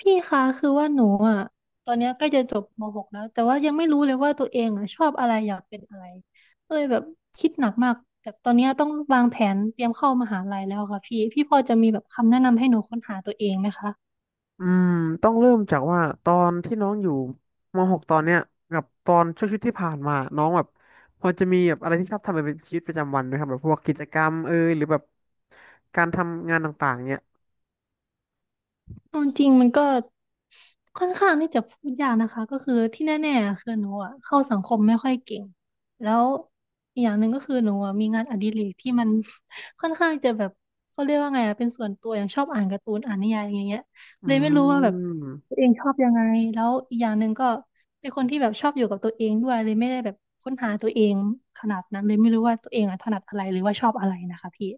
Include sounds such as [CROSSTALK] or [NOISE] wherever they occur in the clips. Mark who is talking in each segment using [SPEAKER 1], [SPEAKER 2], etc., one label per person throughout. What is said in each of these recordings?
[SPEAKER 1] พี่คะคือว่าหนูอ่ะตอนเนี้ยใกล้จะจบม .6 แล้วแต่ว่ายังไม่รู้เลยว่าตัวเองอ่ะชอบอะไรอยากเป็นอะไรก็เลยแบบคิดหนักมากแต่ตอนเนี้ยต้องวางแผนเตรียมเข้ามหาลัยแล้วค่ะพี่พี่พอจะมีแบบคำแนะนำให้หนูค้นหาตัวเองไหมคะ
[SPEAKER 2] อืมต้องเริ่มจากว่าตอนที่น้องอยู่ม .6 ตอนเนี้ยกับตอนช่วงชีวิตที่ผ่านมาน้องแบบพอจะมีแบบอะไรที่ชอบทำเป็นชีวิตประจำวันไหมครับแบบพวกกิจกรรมเอยหรือแบบการทำงานต่างๆเนี้ย
[SPEAKER 1] เอาจริงมันก็ค่อนข้างที่จะพูดยากนะคะก็คือที่แน่ๆคือหนูอะเข้าสังคมไม่ค่อยเก่งแล้วอีกอย่างหนึ่งก็คือหนูอะมีงานอดิเรกที่มัน [LAUGHS] ค่อนข้างจะแบบเขาเรียกว่าไงอะเป็นส่วนตัวอย่างชอบอ่านการ์ตูนอ่านนิยายอย่างเงี้ย
[SPEAKER 2] อื
[SPEAKER 1] เลยไม่รู้ว่าแบบ
[SPEAKER 2] ม
[SPEAKER 1] ตัวเองชอบยังไงแล้วอีกอย่างหนึ่งก็เป็นคนที่แบบชอบอยู่กับตัวเองด้วยเลยไม่ได้แบบค้นหาตัวเองขนาดนั้นเลยไม่รู้ว่าตัวเองอะถนัดอะไรหรือว่าชอบอะไรนะคะพี่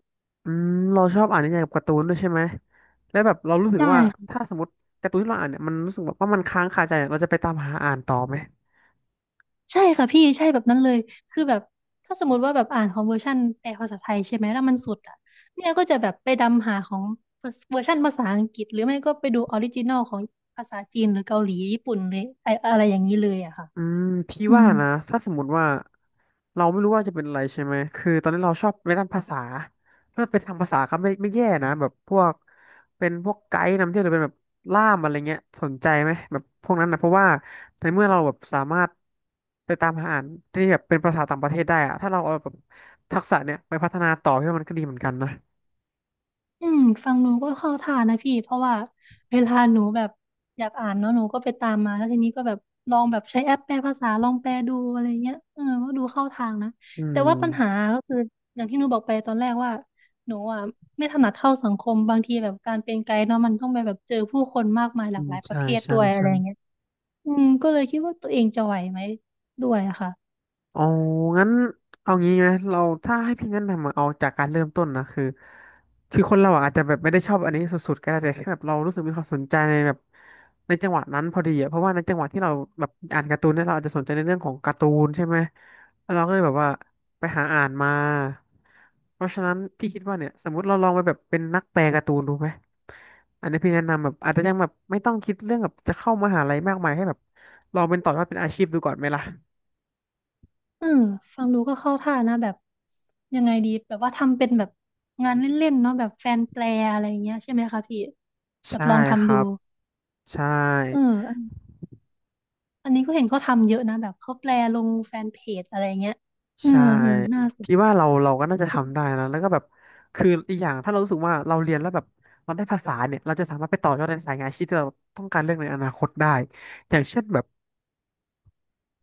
[SPEAKER 2] อืมเราชอบอ่านนิยายกับการ์ตูนด้วยใช่ไหมแล้วแบบเรารู้
[SPEAKER 1] ใ
[SPEAKER 2] สึกว่า
[SPEAKER 1] ช่
[SPEAKER 2] ถ้าสมมติการ์ตูนที่เราอ่านเนี่ยมันรู้สึกแบบว่ามันค้างคาใจเนี่ยเราจะไปตามหาอ่านต่อไหม
[SPEAKER 1] ใช่ค่ะพี่ใช่แบบนั้นเลยคือแบบถ้าสมมติว่าแบบอ่านของเวอร์ชันแปลภาษาไทยใช่ไหมแล้วมันสุดอ่ะเนี่ยก็จะแบบไปดำหาของเวอร์ชันภาษาอังกฤษหรือไม่ก็ไปดูออริจินอลของภาษาจีนหรือเกาหลีญี่ปุ่นเลยไออะไรอย่างนี้เลยอะค่ะ
[SPEAKER 2] อืมพี่
[SPEAKER 1] อื
[SPEAKER 2] ว่า
[SPEAKER 1] ม
[SPEAKER 2] นะถ้าสมมติว่าเราไม่รู้ว่าจะเป็นอะไรใช่ไหมคือตอนนี้เราชอบในด้านภาษาถ้าเป็นทางภาษาก็ไม่แย่นะแบบพวกเป็นพวกไกด์นำเที่ยวหรือเป็นแบบล่ามอะไรเงี้ยสนใจไหมแบบพวกนั้นนะเพราะว่าในเมื่อเราแบบสามารถไปตามหาอ่านที่แบบเป็นภาษาต่างประเทศได้อะถ้าเราเอาแบบทักษะเนี่ยไปพัฒนาต่อพี่ว่ามันก็ดีเหมือนกันนะ
[SPEAKER 1] อืมฟังหนูก็เข้าท่านะพี่เพราะว่าเวลาหนูแบบอยากอ่านเนาะหนูก็ไปตามมาแล้วทีนี้ก็แบบลองแบบใช้แอปแปลภาษาลองแปลดูอะไรเงี้ยเออก็ดูเข้าทางนะ
[SPEAKER 2] อื
[SPEAKER 1] แต่
[SPEAKER 2] ม
[SPEAKER 1] ว่าปัญหาก็คืออย่างที่หนูบอกไปตอนแรกว่าหนูไม่ถนัดเข้าสังคมบางทีแบบการเป็นไกด์เนาะมันต้องไปแบบเจอผู้คนมากมายห
[SPEAKER 2] อื
[SPEAKER 1] ลาก
[SPEAKER 2] ม
[SPEAKER 1] หลายประ
[SPEAKER 2] ใช่
[SPEAKER 1] เภท
[SPEAKER 2] ใช่
[SPEAKER 1] ด้วยอะไร
[SPEAKER 2] ใช่
[SPEAKER 1] เงี้ยอืมก็เลยคิดว่าตัวเองจะไหวไหมด้วยอะค่ะ
[SPEAKER 2] อ๋องั้นเอางี้ไหมเราถ้าให้พี่แนะนำอะเอาจากการเริ่มต้นนะคือคนเราอะอาจจะแบบไม่ได้ชอบอันนี้สุดๆก็ได้แต่แค่แบบเรารู้สึกมีความสนใจในแบบในจังหวะนั้นพอดีอะเพราะว่าในจังหวะที่เราแบบอ่านการ์ตูนเนี่ยเราอาจจะสนใจในเรื่องของการ์ตูนใช่ไหมแล้วเราก็เลยแบบว่าไปหาอ่านมาเพราะฉะนั้นพี่คิดว่าเนี่ยสมมติเราลองไปแบบเป็นนักแปลการ์ตูนดูไหมอันนี้พี่แนะนำแบบอาจจะยังแบบไม่ต้องคิดเรื่องแบบจะเข้ามหาลัยมากมายให้แบบลองเป็นต่อยอดเป็นอาชีพดูก่อนไหมล่ะ
[SPEAKER 1] เออฟังดูก็เข้าท่านะแบบยังไงดีแบบว่าทำเป็นแบบงานเล่นๆเนาะแบบแฟนแปลอะไรอย่างเงี้ยใช่ไหมคะพี่แบบ
[SPEAKER 2] ใช่
[SPEAKER 1] ลอง
[SPEAKER 2] ค
[SPEAKER 1] ทำดู
[SPEAKER 2] รับ ใช่
[SPEAKER 1] เอออันอันนี้ก็เห็นเขาทำเยอะนะแบบเขาแปลลงแฟนเพจอะไรเงี้ยเออ
[SPEAKER 2] ใช่
[SPEAKER 1] เออน่าส
[SPEAKER 2] พี่
[SPEAKER 1] น
[SPEAKER 2] ว่าเราก็น่าจะทำได้นะแล้วก็แบบคืออีกอย่างถ้าเรารู้สึกว่าเราเรียนแล้วแบบเราได้ภาษาเนี่ยเราจะสามารถไปต่อยอดในสายงานอาชีพที่เราต้องการเรื่องในอนาคตได้อย่างเช่นแบบ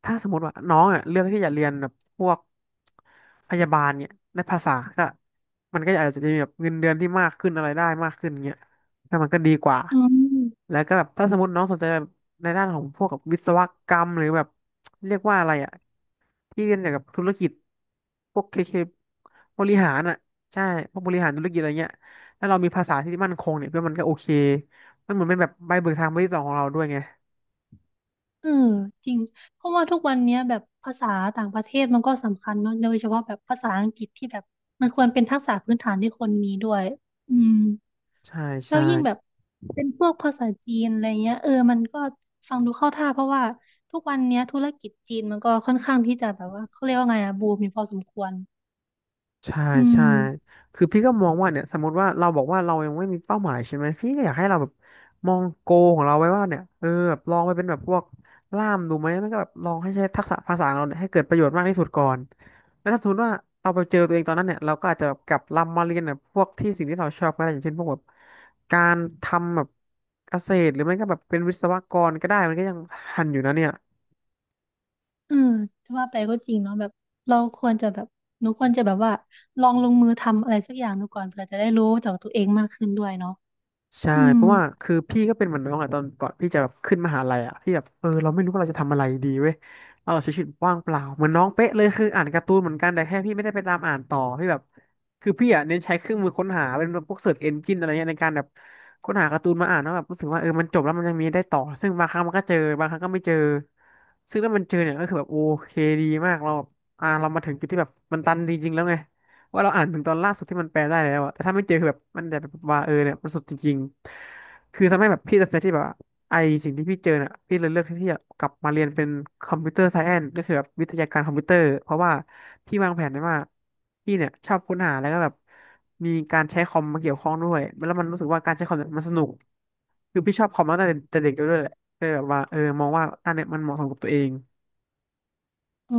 [SPEAKER 2] ถ้าสมมติว่าน้องอ่ะเลือกที่จะเรียนแบบพวกพยาบาลเนี่ยในภาษาก็มันก็อาจจะมีแบบเงินเดือนที่มากขึ้นอะไรได้มากขึ้นเงี้ยก็มันก็ดีกว่า
[SPEAKER 1] อืม
[SPEAKER 2] แล้วก็แบบถ้าสมมติน้องสนใจแบบในด้านของพวกกับวิศวกรรมหรือแบบเรียกว่าอะไรอ่ะที่เรียนเกี่ยวกับธุรกิจพวกเคบริหารอ่ะใช่พวกบริหารธุรกิจอะไรเงี้ยแล้วเรามีภาษาที่มั่นคงเนี่ยเพื่อมันก็โอเคมันเหมือนเป็นแบบใบเบิกทางใบที่สองของเราด้วยไง
[SPEAKER 1] เออจริงเพราะว่าทุกวันเนี้ยแบบภาษาต่างประเทศมันก็สำคัญเนาะโดยเฉพาะแบบภาษาอังกฤษที่แบบมันควรเป็นทักษะพื้นฐานที่คนมีด้วยอืม
[SPEAKER 2] ใช่
[SPEAKER 1] แล้ว
[SPEAKER 2] ใช่
[SPEAKER 1] ยิ่งแบบเป็นพวกภาษาจีนอะไรเงี้ยเออมันก็ฟังดูเข้าท่าเพราะว่าทุกวันเนี้ยธุรกิจจีนมันก็ค่อนข้างที่จะแบบว่าเขาเรียกว่าไงอะบูมมีพอสมควร
[SPEAKER 2] ใช่
[SPEAKER 1] อื
[SPEAKER 2] ใช่
[SPEAKER 1] ม
[SPEAKER 2] คือพี่ก็มองว่าเนี่ยสมมติว่าเราบอกว่าเรายังไม่มีเป้าหมายใช่ไหมพี่ก็อยากให้เราแบบมองโกของเราไว้ว่าเนี่ยเออแบบลองไปเป็นแบบพวกล่ามดูไหมมันก็แบบลองให้ใช้ทักษะภาษาของเราเนี่ยให้เกิดประโยชน์มากที่สุดก่อนแล้วถ้าสมมติว่าเราไปเจอตัวเองตอนนั้นเนี่ยเราก็อาจจะแบบกลับลำมาเรียนแบบพวกที่สิ่งที่เราชอบก็ได้อย่างเช่นพวกแบบการทำแบบเกษตรหรือไม่ก็แบบเป็นวิศวกรก็ได้มันก็ยังทันอยู่นะเนี่ย
[SPEAKER 1] เออจะว่าไปก็จริงเนาะแบบเราควรจะแบบหนูควรจะแบบว่าลองลงมือทำอะไรสักอย่างดูก่อนเผื่อจะได้รู้จากตัวเองมากขึ้นด้วยเนาะ
[SPEAKER 2] ใช่
[SPEAKER 1] อืม
[SPEAKER 2] เพราะว่าคือพี่ก็เป็นเหมือนน้องอะตอนก่อนพี่จะแบบขึ้นมหาลัยอะพี่แบบเออเราไม่รู้ว่าเราจะทำอะไรดีเว้ยเราใช้ชีวิตว่างเปล่าเหมือนน้องเป๊ะเลยคืออ่านการ์ตูนเหมือนกันแต่แค่พี่ไม่ได้ไปตามอ่านต่อพี่แบบคือพี่อะเน้นใช้เครื่องมือค้นหาเป็นพวกเสิร์ชเอนจินอะไรเงี้ยในการแบบค้นหาการ์ตูนมาอ่านแล้วแบบรู้สึกว่าเออมันจบแล้วมันยังมีได้ต่อซึ่งบางครั้งมันก็เจอบางครั้งก็ไม่เจอซึ่งถ้ามันเจอเนี่ยก็คือแบบโอเคดีมากเราเรามาถึงจุดที่แบบมันตันจริงๆแล้วไง ว่าเราอ่านถึงตอนล่าสุดที่มันแปลได้แล้วอะแต่ถ้าไม่เจอคือแบบมันจะแบบว่าเนี่ยมันสุดจริงๆคือทำให้แบบพี่ตัดสินใจที่แบบว่าไอสิ่งที่พี่เจอเนี่ยพี่เลยเลือกที่จะกลับมาเรียนเป็นคอมพิวเตอร์ไซแอนซ์ก็คือแบบวิทยาการคอมพิวเตอร์เพราะว่าพี่วางแผนไว้ว่าพี่เนี่ยชอบค้นหาแล้วก็แบบมีการใช้คอมมาเกี่ยวข้องด้วยแล้วมันรู้สึกว่าการใช้คอมเนี่ยมันสนุกคือพี่ชอบคอมมาตั้งแต่เด็กด้วยแหละก็เลยแบบว่ามองว่าอันเนี่ยมันเหมาะสมกับตัวเอง
[SPEAKER 1] อ๋อ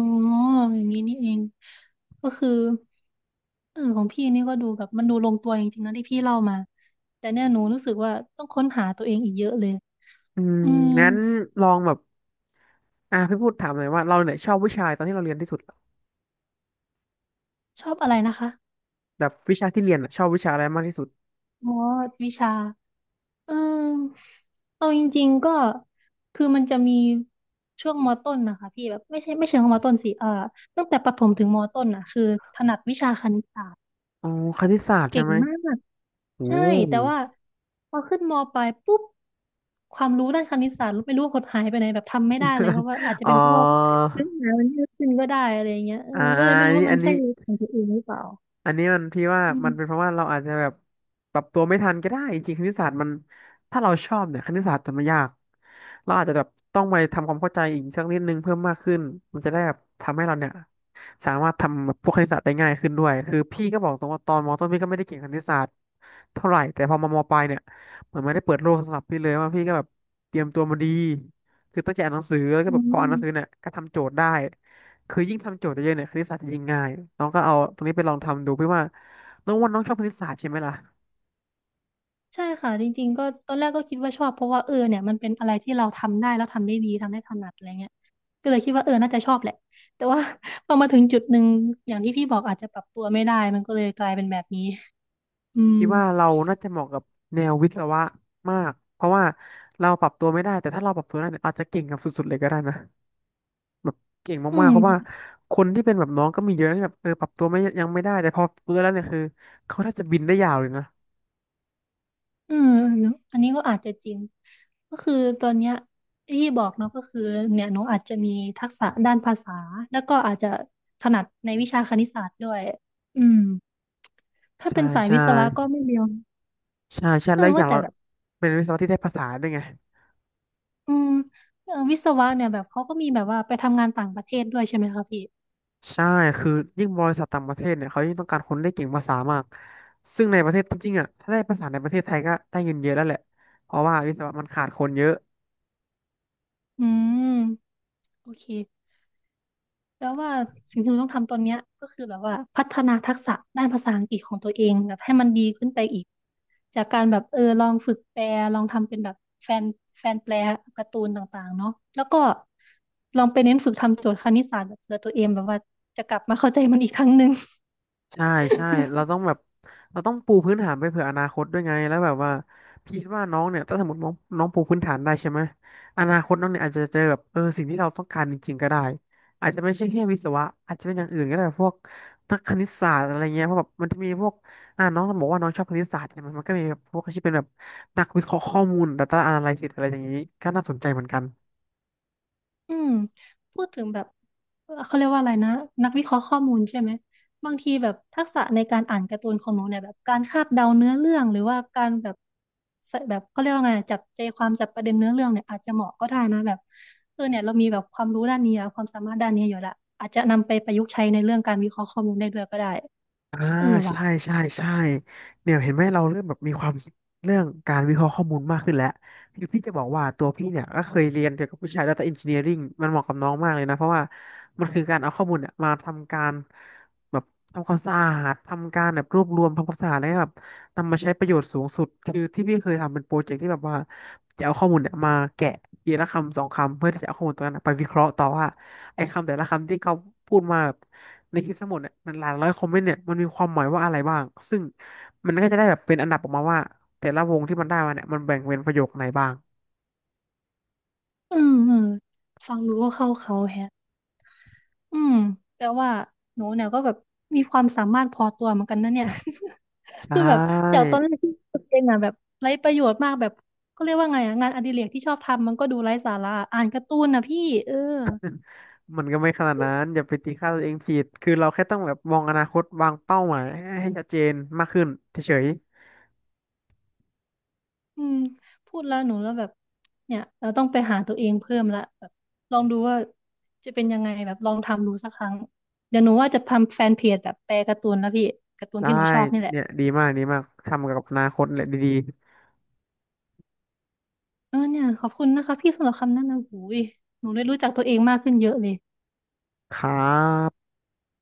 [SPEAKER 1] อย่างนี้นี่เองก็คือเออของพี่นี่ก็ดูแบบมันดูลงตัวจริงๆนะที่พี่เล่ามาแต่เนี่ยหนูรู้สึกว่าต้องค้นหาตัวเองอีกเยอะเลย
[SPEAKER 2] อืม
[SPEAKER 1] อืม
[SPEAKER 2] งั้นลองแบบอ่ะพี่พูดถามหน่อยว่าเราเนี่ยชอบวิชาตอนที่เราเรียนที่สุด
[SPEAKER 1] ชอบอะไรนะคะ
[SPEAKER 2] แบบวิชาที่เรียนอะชอบวิชาอะไรมากที่สุด
[SPEAKER 1] อ๋อวิชาเออเอาจริงๆก็คือมันจะมีช่วงมต้นนะคะพี่แบบไม่ใช่ไม่เชิงว่ามต้นสิเออตั้งแต่ประถมถึงมต้นอ่ะคือถนัดวิชาคณิตศาสตร์
[SPEAKER 2] อ๋อคณิตศาสตร์ใช่
[SPEAKER 1] เก่ง
[SPEAKER 2] ไหม
[SPEAKER 1] มาก
[SPEAKER 2] โอ้
[SPEAKER 1] ใช่แต่ว่าพอขึ้นมปลายปุ๊บความรู้ด้านคณิตศาสตร์ไม่รู้ว่าหดหายไปไหนแบบทำไม่ได้เลยเพราะ
[SPEAKER 2] [LAUGHS]
[SPEAKER 1] ว่าอาจจะ
[SPEAKER 2] อ๋อ
[SPEAKER 1] เป็นเพราะว่าเนื้อหามันเยอะขึ้นก็ได้อะไรอย่างเงี้ยเออ
[SPEAKER 2] อ่า
[SPEAKER 1] ก็เลยไม่
[SPEAKER 2] อัน
[SPEAKER 1] รู้
[SPEAKER 2] นี้
[SPEAKER 1] ว่ามั
[SPEAKER 2] อัน
[SPEAKER 1] น
[SPEAKER 2] นี้
[SPEAKER 1] ใช่ของตัวเองหรือเปล่า
[SPEAKER 2] อันนี้มันพี่ว่า
[SPEAKER 1] อื
[SPEAKER 2] มันเป็นเพ
[SPEAKER 1] ม
[SPEAKER 2] ราะว่าเราอาจจะแบบปรับตัวไม่ทันก็ได้จริงๆคณิตศาสตร์มันถ้าเราชอบเนี่ยคณิตศาสตร์จะไม่ยากเราอาจจะแบบต้องไปทำความเข้าใจอีกสักนิดนึงเพิ่มมากขึ้นมันจะได้แบบทำให้เราเนี่ยสามารถทำแบบพวกคณิตศาสตร์ได้ง่ายขึ้นด้วยคือพี่ก็บอกตรงว่าตอนมต้นพี่ก็ไม่ได้เก่งคณิตศาสตร์เท่าไหร่แต่พอมามปลายเนี่ยเหมือนไม่ได้เปิดโลกสำหรับพี่เลยว่าพี่ก็แบบเตรียมตัวมาดีคือตั้งใจอ่านหนังสือแล้วก็
[SPEAKER 1] อื
[SPEAKER 2] แบบพออ่านหนังสือ
[SPEAKER 1] ม
[SPEAKER 2] เนี่ยก็ทำโจทย์ได้ คือยิ่งทำโจทย์เยอะๆเนี่ยคณิตศาสตร์จะยิ่งง่ายน้องก็เอาตรงนี้ไปลองทำดูพี่ว่าน้องว่าน้องชอบคณิตศาสตร์ใช่ไหมล่ะ
[SPEAKER 1] ใช่ค่ะจริงๆก็ตอนแรกก็คิดว่าชอบเพราะว่าเออเนี่ยมันเป็นอะไรที่เราทำได้แล้วทำได้ดีทำได้ถนัดอะไรเงี้ยก็เลยคิดว่าเออน่าจะชอบแหละแต่ว่า [LAUGHS] พอมาถึงจุดหนึ่งอย่างที่พี่บอกอาจจะปรับตัวไม่ได้มันก็เลยกลายเป็นแบบนี้อืม
[SPEAKER 2] พี่ว่าเราน่าจะเหมาะกับแนววิศวะมากเพราะว่าเราปรับตัวไม่ได้แต่ถ้าเราปรับตัวได้เนี่ยอาจจะเก่งกับสุดๆเลยก็ได้นะแบบเก่ง
[SPEAKER 1] อื
[SPEAKER 2] มากๆ
[SPEAKER 1] ม
[SPEAKER 2] เพราะว่าคนที่เป็นแบบน้องก็มีเยอะนะที่แบบปรับตัวไม่ยังไม่ได้แต่พอเพื่อแล้วเนี่ยคือเขาน่าจะบินได้ยาวเลยนะ
[SPEAKER 1] อืมเนอะอันนี้ก็อาจจะจริงก็คือตอนเนี้ยที่บอกเนาะก็คือเนี่ยหนูอาจจะมีทักษะด้านภาษาแล้วก็อาจจะถนัดในวิชาคณิตศาสตร์ด้วยอืมถ้า
[SPEAKER 2] ใช่
[SPEAKER 1] เป็นสาย
[SPEAKER 2] ใช่
[SPEAKER 1] วิศวะก็ไม่เรียว
[SPEAKER 2] ใช่ใช่
[SPEAKER 1] เอ
[SPEAKER 2] แล้
[SPEAKER 1] อ
[SPEAKER 2] วอย่า
[SPEAKER 1] ว่า
[SPEAKER 2] ง
[SPEAKER 1] แต่
[SPEAKER 2] เรา
[SPEAKER 1] แบบ
[SPEAKER 2] เป็นวิศวะที่ได้ภาษาด้วยไง
[SPEAKER 1] อืมเอ่อวิศวะเนี่ยแบบเขาก็มีแบบว่าไปทำงานต่างประเทศด้วยใช่ไหมคะพี่
[SPEAKER 2] ใช่ คือยิ่งบริษัทต่างประเทศเนี่ยเขายิ่งต้องการคนได้เก่งภาษามาก ซึ่งในประเทศจริงๆอ่ะถ้าได้ภาษาในประเทศไทยก็ได้เงินเยอะแล้วแหละ เพราะว่าวิศวะมันขาดคนเยอะ
[SPEAKER 1] อืมโอเคแล้วว่าสิ่งที่เราต้องทำตอนเนี้ยก็คือแบบว่าพัฒนาทักษะด้านภาษาอังกฤษของตัวเองแบบให้มันดีขึ้นไปอีกจากการแบบเออลองฝึกแปลลองทำเป็นแบบแฟนแฟนแปลการ์ตูนต่างๆเนาะแล้วก็ลองไปเน้นฝึกทำโจทย์คณิตศาสตร์แบบเผื่อตัวเองแบบว่าจะกลับมาเข้าใจมันอีกครั้งหนึ่ง
[SPEAKER 2] ใช่ใช่เราต้องแบบเราต้องปูพื้นฐานไปเผื่ออนาคตด้วยไงแล้วแบบว่าพี่คิดว่าน้องเนี่ยถ้าสมมติน้องน้องปูพื้นฐานได้ใช่ไหมอนาคตน้องเนี่ยอาจจะเจอแบบสิ่งที่เราต้องการจริงๆก็ได้อาจจะไม่ใช่แค่วิศวะอาจจะเป็นอย่างอื่นก็ได้พวกนักคณิตศาสตร์อะไรเงี้ยเพราะแบบมันจะมีพวกอ่าน้องบอกว่าน้องชอบคณิตศาสตร์ใช่ไหมมันก็มีแบบพวกที่เป็นแบบนักวิเคราะห์ข้อมูล Data Analysis อะไรอย่างนี้ก็น่าสนใจเหมือนกัน
[SPEAKER 1] อืมพูดถึงแบบเขาเรียกว่าอะไรนะนักวิเคราะห์ข้อมูลใช่ไหมบางทีแบบทักษะในการอ่านการ์ตูนของหนูเนี่ยแบบการคาดเดาเนื้อเรื่องหรือว่าการแบบใส่แบบเขาเรียกว่าไงจับใจความจับประเด็นเนื้อเรื่องเนี่ยอาจจะเหมาะก็ได้นะแบบเออเนี่ยเรามีแบบความรู้ด้านนี้อะความสามารถด้านนี้อยู่ละอาจจะนำไปประยุกต์ใช้ในเรื่องการวิเคราะห์ข้อมูลได้ด้วยก็ได้
[SPEAKER 2] อ่า
[SPEAKER 1] เออว่ะ
[SPEAKER 2] ใช่เนี่ยเห็นไหมเราเริ่มแบบมีความคิดเรื่องการวิเคราะห์ข้อมูลมากขึ้นแล้วคือพี่จะบอกว่าตัวพี่เนี่ยก็เคยเรียนเกี่ยวกับวิชา Data Engineering มันเหมาะกับน้องมากเลยนะเพราะว่ามันคือการเอาข้อมูลเนี่ยมาทำการแบบทำความสะอาดทำการแบบรวบรวมทำความสะอาดแล้วก็แบบนำมาใช้ประโยชน์สูงสุดคือที่พี่เคยทำเป็นโปรเจกต์ที่แบบว่าจะเอาข้อมูลเนี่ยมาแกะทีละคำสองคำเพื่อที่จะเอาข้อมูลตรงนั้นนะไปวิเคราะห์ต่อว่าไอ้คำแต่ละคำที่เขาพูดมา ในคลิปทั้งหมดเนี่ยมันหลายร้อยคอมเมนต์เนี่ยมันมีความหมายว่าอะไรบ้างซึ่งมันก็จะได้แบบเป็นอันดับออกมาว่าแต่ละวงที่มันได้มาเนี่ยมันแบ่งเป็นประโยคไหนบ้าง
[SPEAKER 1] อืมฟังดูก็เข้าเขาแฮะ อืมแต่ว่าหนูเนี่ยก็แบบมีความสามารถพอตัวเหมือนกันนะเนี่ย [LAUGHS]
[SPEAKER 2] ใช่
[SPEAKER 1] คือแบบจากตอนแรกที่ตัวเองอ่ะแบบไร้ประโยชน์มากแบบก็เรียกว่าไงอ่ะงานอดิเรกที่ชอบทำมันก็ดูไร้สาระอ่านการ์ตูนนะพี่เออ
[SPEAKER 2] มันก็ไม่ขนาดนั้นอย่าไปตีค่าตัวเองผิดคือเราแค่ต้องแบบมองอนาคตวางเป้าหมายให้ให้ชัดเจนมากขึ้นเฉย
[SPEAKER 1] อืมพูดแล้วหนูแล้วแบบเนี่ยเราต้องไปหาตัวเองเพิ่มละแบบลองดูว่าจะเป็นยังไงแบบลองทำดูสักครั้งเดี๋ยวหนูว่าจะทำแฟนเพจแบบแปลการ์ตูนแล้วพี่การ์ตู
[SPEAKER 2] ๆ
[SPEAKER 1] น
[SPEAKER 2] ได้
[SPEAKER 1] ที่หนูชอบนี่แหละ
[SPEAKER 2] เนี่ยดีมากดีมากทำกับอนาคตแหละดี
[SPEAKER 1] เออเนี่ยขอบคุณนะคะพี่สำหรับคำแนะนำหูยหนูได้รู้จักตัวเองมากขึ้นเยอะเลย
[SPEAKER 2] ๆครับ